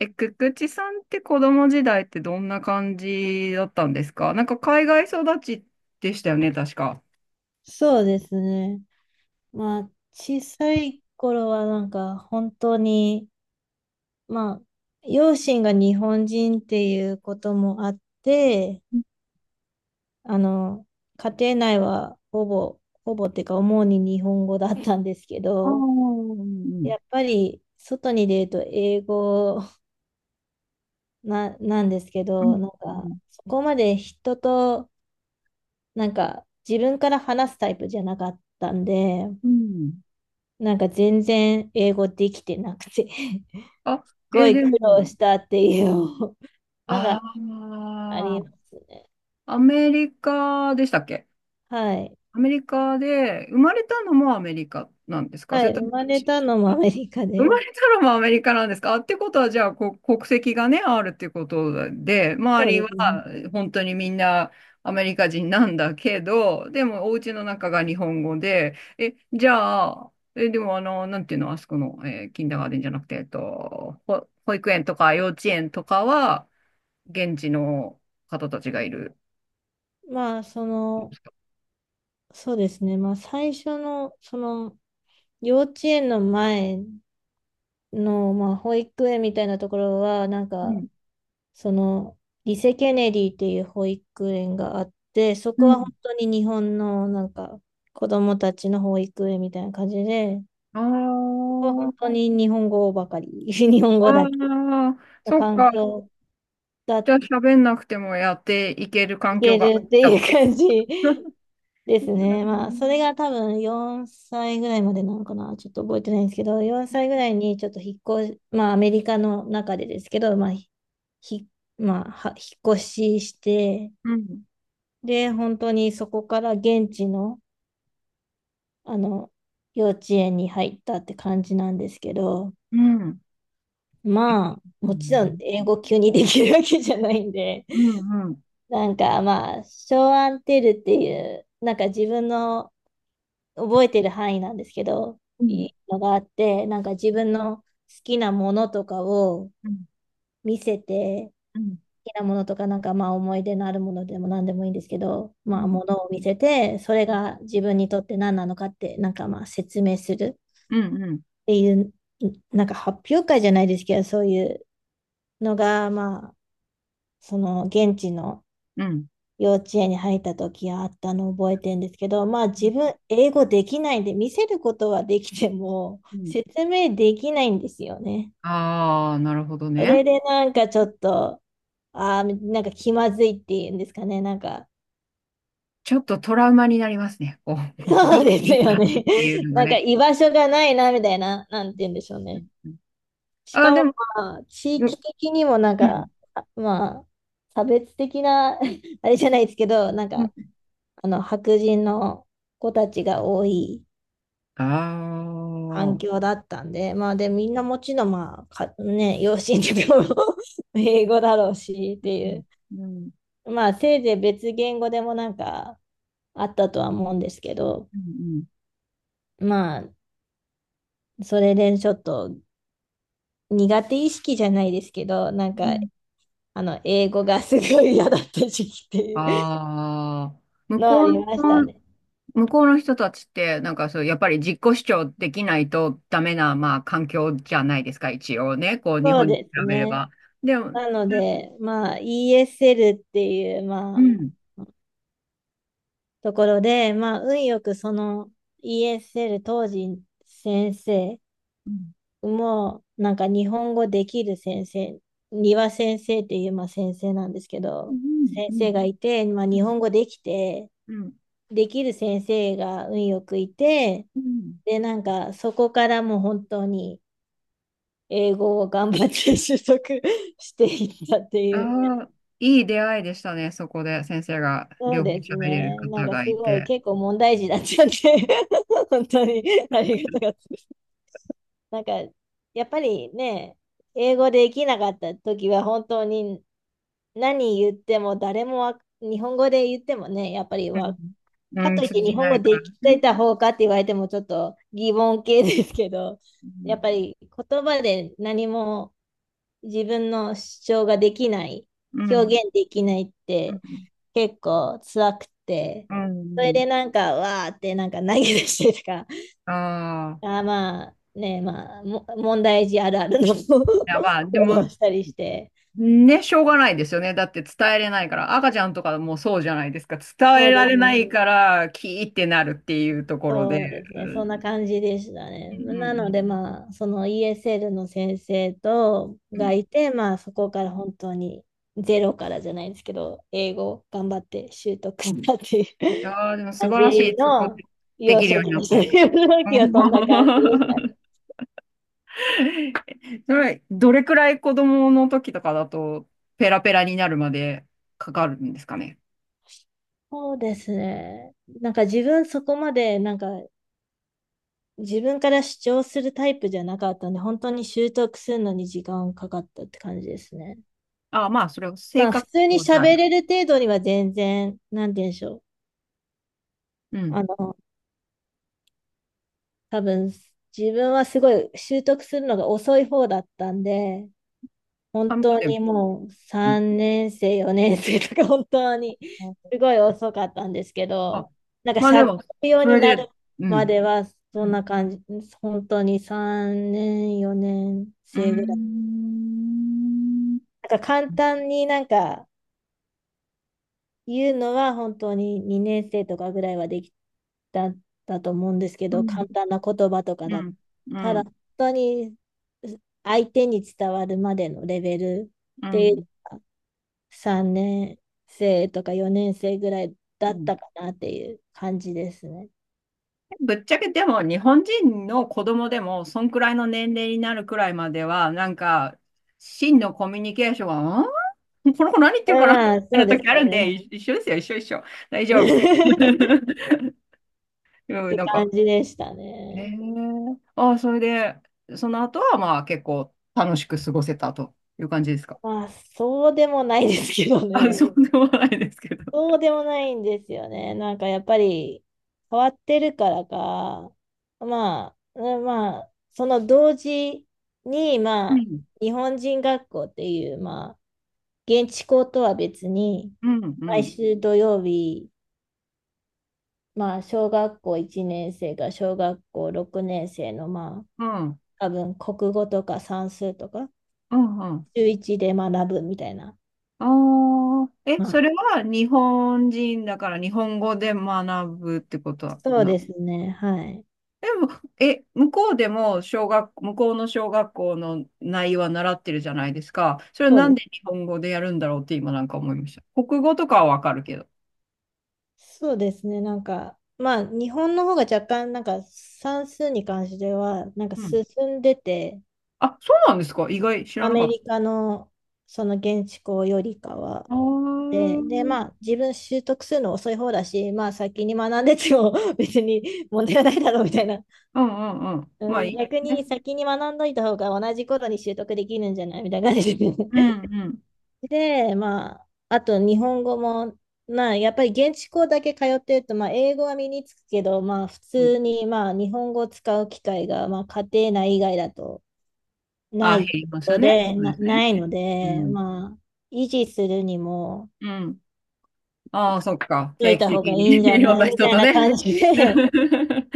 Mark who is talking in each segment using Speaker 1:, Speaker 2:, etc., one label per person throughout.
Speaker 1: くくちさんって子供時代ってどんな感じだったんですか？なんか海外育ちでしたよね、確か。
Speaker 2: そうですね。小さい頃は本当に、まあ、両親が日本人っていうこともあって、あの、家庭内はほぼ、ほぼっていうか、主に日本語だったんですけ
Speaker 1: ああ、う
Speaker 2: ど、
Speaker 1: ん、
Speaker 2: やっぱり外に出ると英語なんですけ
Speaker 1: うん、
Speaker 2: ど、
Speaker 1: うん、
Speaker 2: そこまで人と、自分から話すタイプじゃなかったんで、
Speaker 1: うん。
Speaker 2: 全然英語できてなくて
Speaker 1: あ、
Speaker 2: ごい
Speaker 1: で
Speaker 2: 苦労
Speaker 1: も、
Speaker 2: したっていうのが
Speaker 1: あ
Speaker 2: ありますね。
Speaker 1: あ、アメリカでしたっけ？
Speaker 2: はい。
Speaker 1: アメリカで、生まれたのもアメリカなんですか？
Speaker 2: は
Speaker 1: それ
Speaker 2: い。
Speaker 1: とも
Speaker 2: 生まれたのもアメリカ
Speaker 1: 生ま
Speaker 2: で。
Speaker 1: れたのもアメリカなんですか？ってことは、じゃあ、国籍がね、あるってことで、周
Speaker 2: そう
Speaker 1: り
Speaker 2: で
Speaker 1: は
Speaker 2: すね。
Speaker 1: 本当にみんなアメリカ人なんだけど、でもお家の中が日本語で、じゃあ、でもなんていうの、あそこの、キンダーガーデンじゃなくて、保育園とか幼稚園とかは、現地の方たちがいる。
Speaker 2: まあ、その、そうですね。最初の、幼稚園の前の、保育園みたいなところは、
Speaker 1: うん。
Speaker 2: その、リセ・ケネディっていう保育園があって、そ
Speaker 1: う
Speaker 2: こは本
Speaker 1: ん、
Speaker 2: 当に日本の、子供たちの保育園みたいな感じで、
Speaker 1: あ
Speaker 2: ここは本当
Speaker 1: ー
Speaker 2: に日本語ばかり、日本
Speaker 1: あ
Speaker 2: 語だけ。
Speaker 1: ー、
Speaker 2: の
Speaker 1: そっ
Speaker 2: 環
Speaker 1: か。
Speaker 2: 境が
Speaker 1: じゃあ喋んなくてもやっていける
Speaker 2: い
Speaker 1: 環境
Speaker 2: け
Speaker 1: があっ
Speaker 2: るっ
Speaker 1: ち
Speaker 2: て
Speaker 1: ゃっ
Speaker 2: いう
Speaker 1: た。
Speaker 2: 感じです
Speaker 1: う
Speaker 2: ね。まあ、そ
Speaker 1: ん。
Speaker 2: れが多分4歳ぐらいまでなのかな。ちょっと覚えてないんですけど、4歳ぐらいにちょっと引っ越し、まあ、アメリカの中でですけど、ひ、まあ、引っ越しして、
Speaker 1: うん。
Speaker 2: で、本当にそこから現地の、あの、幼稚園に入ったって感じなんですけど、
Speaker 1: うん。え
Speaker 2: まあ、
Speaker 1: う
Speaker 2: もちろん
Speaker 1: ん。
Speaker 2: 英語急にできるわけじゃないんで、
Speaker 1: うん。うん。
Speaker 2: ショーアンテルっていう、なんか自分の覚えてる範囲なんですけど、
Speaker 1: う
Speaker 2: い
Speaker 1: ん。
Speaker 2: いのがあって、なんか自分の好きなものとかを
Speaker 1: うん。
Speaker 2: 見せて、
Speaker 1: うん。
Speaker 2: 好きなものとか、なんかまあ思い出のあるものでも何でもいいんですけど、
Speaker 1: う
Speaker 2: まあ
Speaker 1: ん。
Speaker 2: ものを見せて、それが自分にとって何なのかって、なんかまあ説明する
Speaker 1: うん。うん。
Speaker 2: っていう、なんか発表会じゃないですけど、そういうのがまあ、その現地の
Speaker 1: うん、
Speaker 2: 幼稚園に入った時あったのを覚えてるんですけど、まあ自分英語できないんで見せることはできても
Speaker 1: う ん、
Speaker 2: 説明できないんですよね。
Speaker 1: ああー、なるほど
Speaker 2: そ
Speaker 1: ね。
Speaker 2: れでなんかちょっと、ああ、なんか気まずいっていうんですかね。
Speaker 1: ちょっとトラウマになりますね。こう、ど
Speaker 2: そう
Speaker 1: っ
Speaker 2: です
Speaker 1: ち
Speaker 2: よ
Speaker 1: だっ
Speaker 2: ね。
Speaker 1: ていう のが
Speaker 2: なんか
Speaker 1: ね。
Speaker 2: 居場所がないなみたいな、なんて言うんでしょう
Speaker 1: う
Speaker 2: ね。
Speaker 1: ん、うん、
Speaker 2: し
Speaker 1: あー、
Speaker 2: か
Speaker 1: で
Speaker 2: も
Speaker 1: も、
Speaker 2: まあ地
Speaker 1: うん。
Speaker 2: 域的にもなん
Speaker 1: う
Speaker 2: か、
Speaker 1: ん、
Speaker 2: あまあ差別的な あれじゃないですけど、
Speaker 1: うん、
Speaker 2: あの白人の子たちが多い
Speaker 1: あ
Speaker 2: 環
Speaker 1: あ。
Speaker 2: 境だったんで、みんなもちろん、養子にも 英語だろうしっ
Speaker 1: う
Speaker 2: てい
Speaker 1: ん。
Speaker 2: う、
Speaker 1: うん。
Speaker 2: まあ、せいぜい別言語でもなんかあったとは思うんですけど、
Speaker 1: うん。
Speaker 2: まあ、それでちょっと苦手意識じゃないですけど、
Speaker 1: うん、
Speaker 2: 英語がすごい嫌だった時期っていう
Speaker 1: ああ。向
Speaker 2: のはあ
Speaker 1: こ
Speaker 2: り
Speaker 1: う
Speaker 2: ました
Speaker 1: の
Speaker 2: ね。
Speaker 1: 向こうの人たちって、なんかそう、やっぱり自己主張できないとダメな、まあ、環境じゃないですか、一応ね。こう、日
Speaker 2: そう
Speaker 1: 本に比
Speaker 2: です
Speaker 1: べれ
Speaker 2: ね。
Speaker 1: ば。でも、
Speaker 2: なので、ESL っていう、
Speaker 1: うん。
Speaker 2: ところで、まあ、運よくその ESL 当時先生
Speaker 1: うん。
Speaker 2: も、なんか日本語できる先生、庭先生っていう、先生なんですけ
Speaker 1: う
Speaker 2: ど、
Speaker 1: ん。う
Speaker 2: 先
Speaker 1: ん。
Speaker 2: 生がいて、まあ、日本語できて、
Speaker 1: うん。
Speaker 2: できる先生が運よくいて、
Speaker 1: うん、
Speaker 2: で、なんかそこからもう本当に英語を頑張って習得 していったって
Speaker 1: あ
Speaker 2: いう。
Speaker 1: あー、いい出会いでしたね、そこで。先生が
Speaker 2: そう
Speaker 1: 両方
Speaker 2: です
Speaker 1: 喋れる
Speaker 2: ね。なん
Speaker 1: 方
Speaker 2: かす
Speaker 1: がい
Speaker 2: ごい
Speaker 1: て。
Speaker 2: 結構問題児だったんで 本当にありがたかったです。なんか、やっぱりね、英語できなかった時は本当に何言っても誰もわ日本語で言ってもね、やっぱり
Speaker 1: う
Speaker 2: わ、
Speaker 1: ん。う
Speaker 2: か
Speaker 1: ん、
Speaker 2: といっ
Speaker 1: 通
Speaker 2: て
Speaker 1: じ
Speaker 2: 日本
Speaker 1: な
Speaker 2: 語
Speaker 1: いか
Speaker 2: でき
Speaker 1: ら
Speaker 2: て
Speaker 1: ね。
Speaker 2: た方かって言われてもちょっと疑問系ですけど、
Speaker 1: う
Speaker 2: や
Speaker 1: ん。
Speaker 2: っぱり言葉で何も自分の主張ができない、
Speaker 1: う
Speaker 2: 表
Speaker 1: ん。
Speaker 2: 現できないっ
Speaker 1: う
Speaker 2: て
Speaker 1: ん。
Speaker 2: 結構辛くて、
Speaker 1: う
Speaker 2: それ
Speaker 1: ん。
Speaker 2: でなんかわーってなんか投げ出してとか、
Speaker 1: ああ、
Speaker 2: あーまあね、まあ、 問題児あるあるの 行
Speaker 1: いや、まあ、で
Speaker 2: 動を
Speaker 1: も、
Speaker 2: したりして、
Speaker 1: ね、しょうがないですよね。だって伝えれないから。赤ちゃんとかもそうじゃないですか。伝え
Speaker 2: そう
Speaker 1: ら
Speaker 2: です
Speaker 1: れな
Speaker 2: ね、
Speaker 1: いから、キーってなるっていうところで。う
Speaker 2: そうですね、そん
Speaker 1: ん、
Speaker 2: な感じでした
Speaker 1: う
Speaker 2: ね。
Speaker 1: ん、う
Speaker 2: なの
Speaker 1: ん、
Speaker 2: で、まあ、その ESL の先生と
Speaker 1: うん。い
Speaker 2: がいて、まあ、そこから本当にゼロからじゃないですけど、英語を頑張って習得したっていう
Speaker 1: やーでも素
Speaker 2: 感
Speaker 1: 晴
Speaker 2: じ
Speaker 1: らしい、そこ
Speaker 2: の
Speaker 1: で、で
Speaker 2: 幼
Speaker 1: きる
Speaker 2: 少
Speaker 1: ように
Speaker 2: 期
Speaker 1: なっ
Speaker 2: でした
Speaker 1: て。
Speaker 2: ね。幼少
Speaker 1: う
Speaker 2: 期は
Speaker 1: ん。
Speaker 2: そんな感じでした。
Speaker 1: それ、どれくらい子供の時とかだと、ペラペラになるまでかかるんですかね？
Speaker 2: そうですね。自分そこまでなんか自分から主張するタイプじゃなかったんで、本当に習得するのに時間かかったって感じですね。
Speaker 1: あ、まあ、それは性
Speaker 2: まあ、普
Speaker 1: 格記
Speaker 2: 通に
Speaker 1: 号じゃ
Speaker 2: 喋
Speaker 1: ないよ。
Speaker 2: れる程度には全然、なんて言うんでしょう。
Speaker 1: うん。
Speaker 2: あの、多分、自分はすごい習得するのが遅い方だったんで、
Speaker 1: あ、
Speaker 2: 本
Speaker 1: まあ
Speaker 2: 当
Speaker 1: でも、
Speaker 2: にもう
Speaker 1: うん。
Speaker 2: 3年生、4年生 とか本当にすごい遅かったんですけ
Speaker 1: あ、
Speaker 2: ど、なんか
Speaker 1: まあで
Speaker 2: 喋
Speaker 1: も、
Speaker 2: るよう
Speaker 1: そ
Speaker 2: に
Speaker 1: れ
Speaker 2: なる
Speaker 1: で、う
Speaker 2: ま
Speaker 1: ん。
Speaker 2: では
Speaker 1: う
Speaker 2: そん
Speaker 1: ん、
Speaker 2: な感じ、本当に3年、4年
Speaker 1: うー
Speaker 2: 生ぐらい。
Speaker 1: ん。
Speaker 2: なんか簡単になんか言うのは本当に2年生とかぐらいはできたんだと思うんですけ
Speaker 1: う
Speaker 2: ど、簡
Speaker 1: ん。
Speaker 2: 単な言葉とか
Speaker 1: う
Speaker 2: だ。
Speaker 1: ん。う
Speaker 2: ただ
Speaker 1: ん。
Speaker 2: 本当に相手に伝わるまでのレベル
Speaker 1: う
Speaker 2: って
Speaker 1: ん。
Speaker 2: 3年生とか4年生ぐらいだ
Speaker 1: う
Speaker 2: っ
Speaker 1: ん。
Speaker 2: たかなっていう感じですね。
Speaker 1: ぶっちゃけでも日本人の子供でもそんくらいの年齢になるくらいまでは、なんか真のコミュニケーションは、この子何言ってるかなみ
Speaker 2: まあ、
Speaker 1: たい
Speaker 2: そう
Speaker 1: な
Speaker 2: です
Speaker 1: 時あ る
Speaker 2: よ
Speaker 1: んで、
Speaker 2: ね。
Speaker 1: 一緒ですよ、一緒一緒。大丈夫。
Speaker 2: っ
Speaker 1: うん、
Speaker 2: て
Speaker 1: なん
Speaker 2: 感
Speaker 1: か、
Speaker 2: じでした
Speaker 1: へえ。
Speaker 2: ね。
Speaker 1: ああ、それで、その後はまあ結構楽しく過ごせたという感じですか？
Speaker 2: まあ、そうでもないですけど
Speaker 1: あ、
Speaker 2: ね。
Speaker 1: そうでもないですけど。
Speaker 2: そうでもないんですよね。なんかやっぱり変わってるからか、まあ、その同時に、
Speaker 1: う
Speaker 2: まあ、
Speaker 1: ん、
Speaker 2: 日本人学校っていう、まあ、現地校とは別に、
Speaker 1: うん、う
Speaker 2: 毎
Speaker 1: ん、
Speaker 2: 週土曜日、まあ、小学校1年生が小学校6年生の、まあ、
Speaker 1: うん。
Speaker 2: 多分国語とか算数とか、
Speaker 1: うん、うん。
Speaker 2: 週一で学ぶみたいな。
Speaker 1: ああ、
Speaker 2: ま
Speaker 1: そ
Speaker 2: あ、
Speaker 1: れは日本人だから日本語で学ぶってこと
Speaker 2: そう
Speaker 1: な？
Speaker 2: ですね。はい。
Speaker 1: でも、向こうでも向こうの小学校の内容は習ってるじゃないですか。それは
Speaker 2: そう
Speaker 1: なん
Speaker 2: です
Speaker 1: で日本語でやるんだろうって今なんか思いました。国語とかはわかるけど。
Speaker 2: そうですね。日本の方が若干、算数に関しては、なんか
Speaker 1: うん。
Speaker 2: 進んでて、
Speaker 1: あ、そうなんですか？意外、知ら
Speaker 2: ア
Speaker 1: なか
Speaker 2: メ
Speaker 1: った。
Speaker 2: リカのその現地校よりかは。
Speaker 1: ああ、う
Speaker 2: で、
Speaker 1: ん、
Speaker 2: まあ、自分習得するの遅い方だし、まあ、先に学んでても 別に問題はないだろうみたいな。
Speaker 1: うん、うん。
Speaker 2: う
Speaker 1: まあ
Speaker 2: ん、
Speaker 1: い
Speaker 2: 逆
Speaker 1: い
Speaker 2: に
Speaker 1: ね。
Speaker 2: 先に学んどいた方が同じ頃に習得できるんじゃないみたいな感じで。
Speaker 1: うん、うん。
Speaker 2: まあ、あと日本語も、まあ、やっぱり現地校だけ通ってると、まあ、英語は身につくけど、まあ、普
Speaker 1: うん、
Speaker 2: 通に、まあ、日本語を使う機会が、まあ、家庭内以外だとな
Speaker 1: あ、減
Speaker 2: い
Speaker 1: り
Speaker 2: こ
Speaker 1: ますよね。そうですね。
Speaker 2: ないの
Speaker 1: う
Speaker 2: で、
Speaker 1: ん。
Speaker 2: まあ、維持するにも、
Speaker 1: うん。ああ、そっか。
Speaker 2: 書
Speaker 1: 定
Speaker 2: い
Speaker 1: 期
Speaker 2: た方が
Speaker 1: 的
Speaker 2: い
Speaker 1: に
Speaker 2: いんじ ゃ
Speaker 1: いろん
Speaker 2: ない
Speaker 1: な
Speaker 2: み
Speaker 1: 人
Speaker 2: たい
Speaker 1: と
Speaker 2: な
Speaker 1: ね。
Speaker 2: 感じで、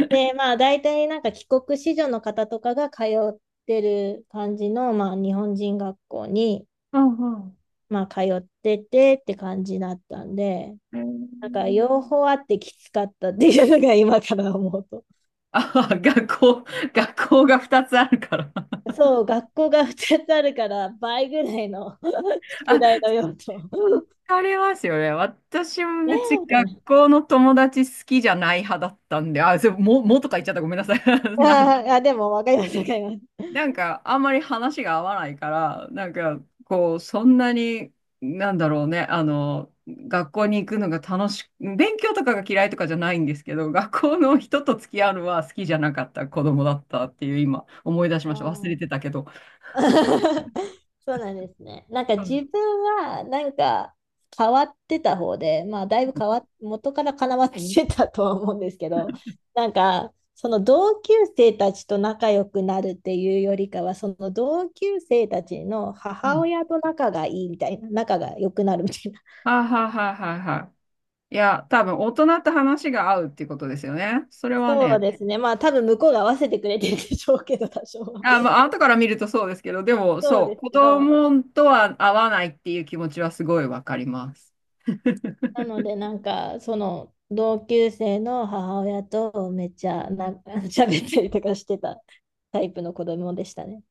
Speaker 2: で、まあ、大体なんか帰国子女の方とかが通ってる感じの、まあ、日本人学校に、
Speaker 1: うん、うん。
Speaker 2: まあ、通っててって感じだったんで、
Speaker 1: え
Speaker 2: なんか両
Speaker 1: ー
Speaker 2: 方あってきつかったっていうのが今から思うと。
Speaker 1: ああ、学校が2つあるから。
Speaker 2: そう、学校が2つあるから倍ぐらいの 宿
Speaker 1: あ、
Speaker 2: 題の用途。
Speaker 1: ありますよね。私も
Speaker 2: ね
Speaker 1: 別に
Speaker 2: え、みたいな。
Speaker 1: 学校の友達好きじゃない派だったんで、あ、それも、もとか言っちゃった。ごめんなさい。な
Speaker 2: あーあ、でもわかります、わかります。
Speaker 1: なんか、あんまり話が合わないから、なんか、こう、そんなに、なんだろうね、学校に行くのが楽しく、勉強とかが嫌いとかじゃないんですけど、学校の人と付き合うのは好きじゃなかった子供だったっていう、今、思い出し
Speaker 2: あ
Speaker 1: ました。忘れ
Speaker 2: ー
Speaker 1: てたけど。
Speaker 2: そうなんですね。
Speaker 1: う
Speaker 2: 自
Speaker 1: ん。
Speaker 2: 分はなんか変わってた方で、まあだいぶ変わっ、元からかなわってたとは思うんですけど、なんかその同級生たちと仲良くなるっていうよりかは、その同級生たちの
Speaker 1: う
Speaker 2: 母
Speaker 1: ん。
Speaker 2: 親と仲がいいみたいな、仲が良くなるみたいな。
Speaker 1: はいはいはいはいはい。いや、多分、大人と話が合うっていうことですよね。それは
Speaker 2: そう
Speaker 1: ね。
Speaker 2: ですね。まあ多分向こうが合わせてくれてるんでしょうけど、多少は。
Speaker 1: あ、まあ、後から見るとそうですけど、でも、
Speaker 2: そう
Speaker 1: そう、
Speaker 2: です
Speaker 1: 子
Speaker 2: けど、
Speaker 1: 供とは合わないっていう気持ちはすごいわかります。
Speaker 2: なので、なんか、その、同級生の母親とめっちゃ喋ったりとかしてたタイプの子供でしたね。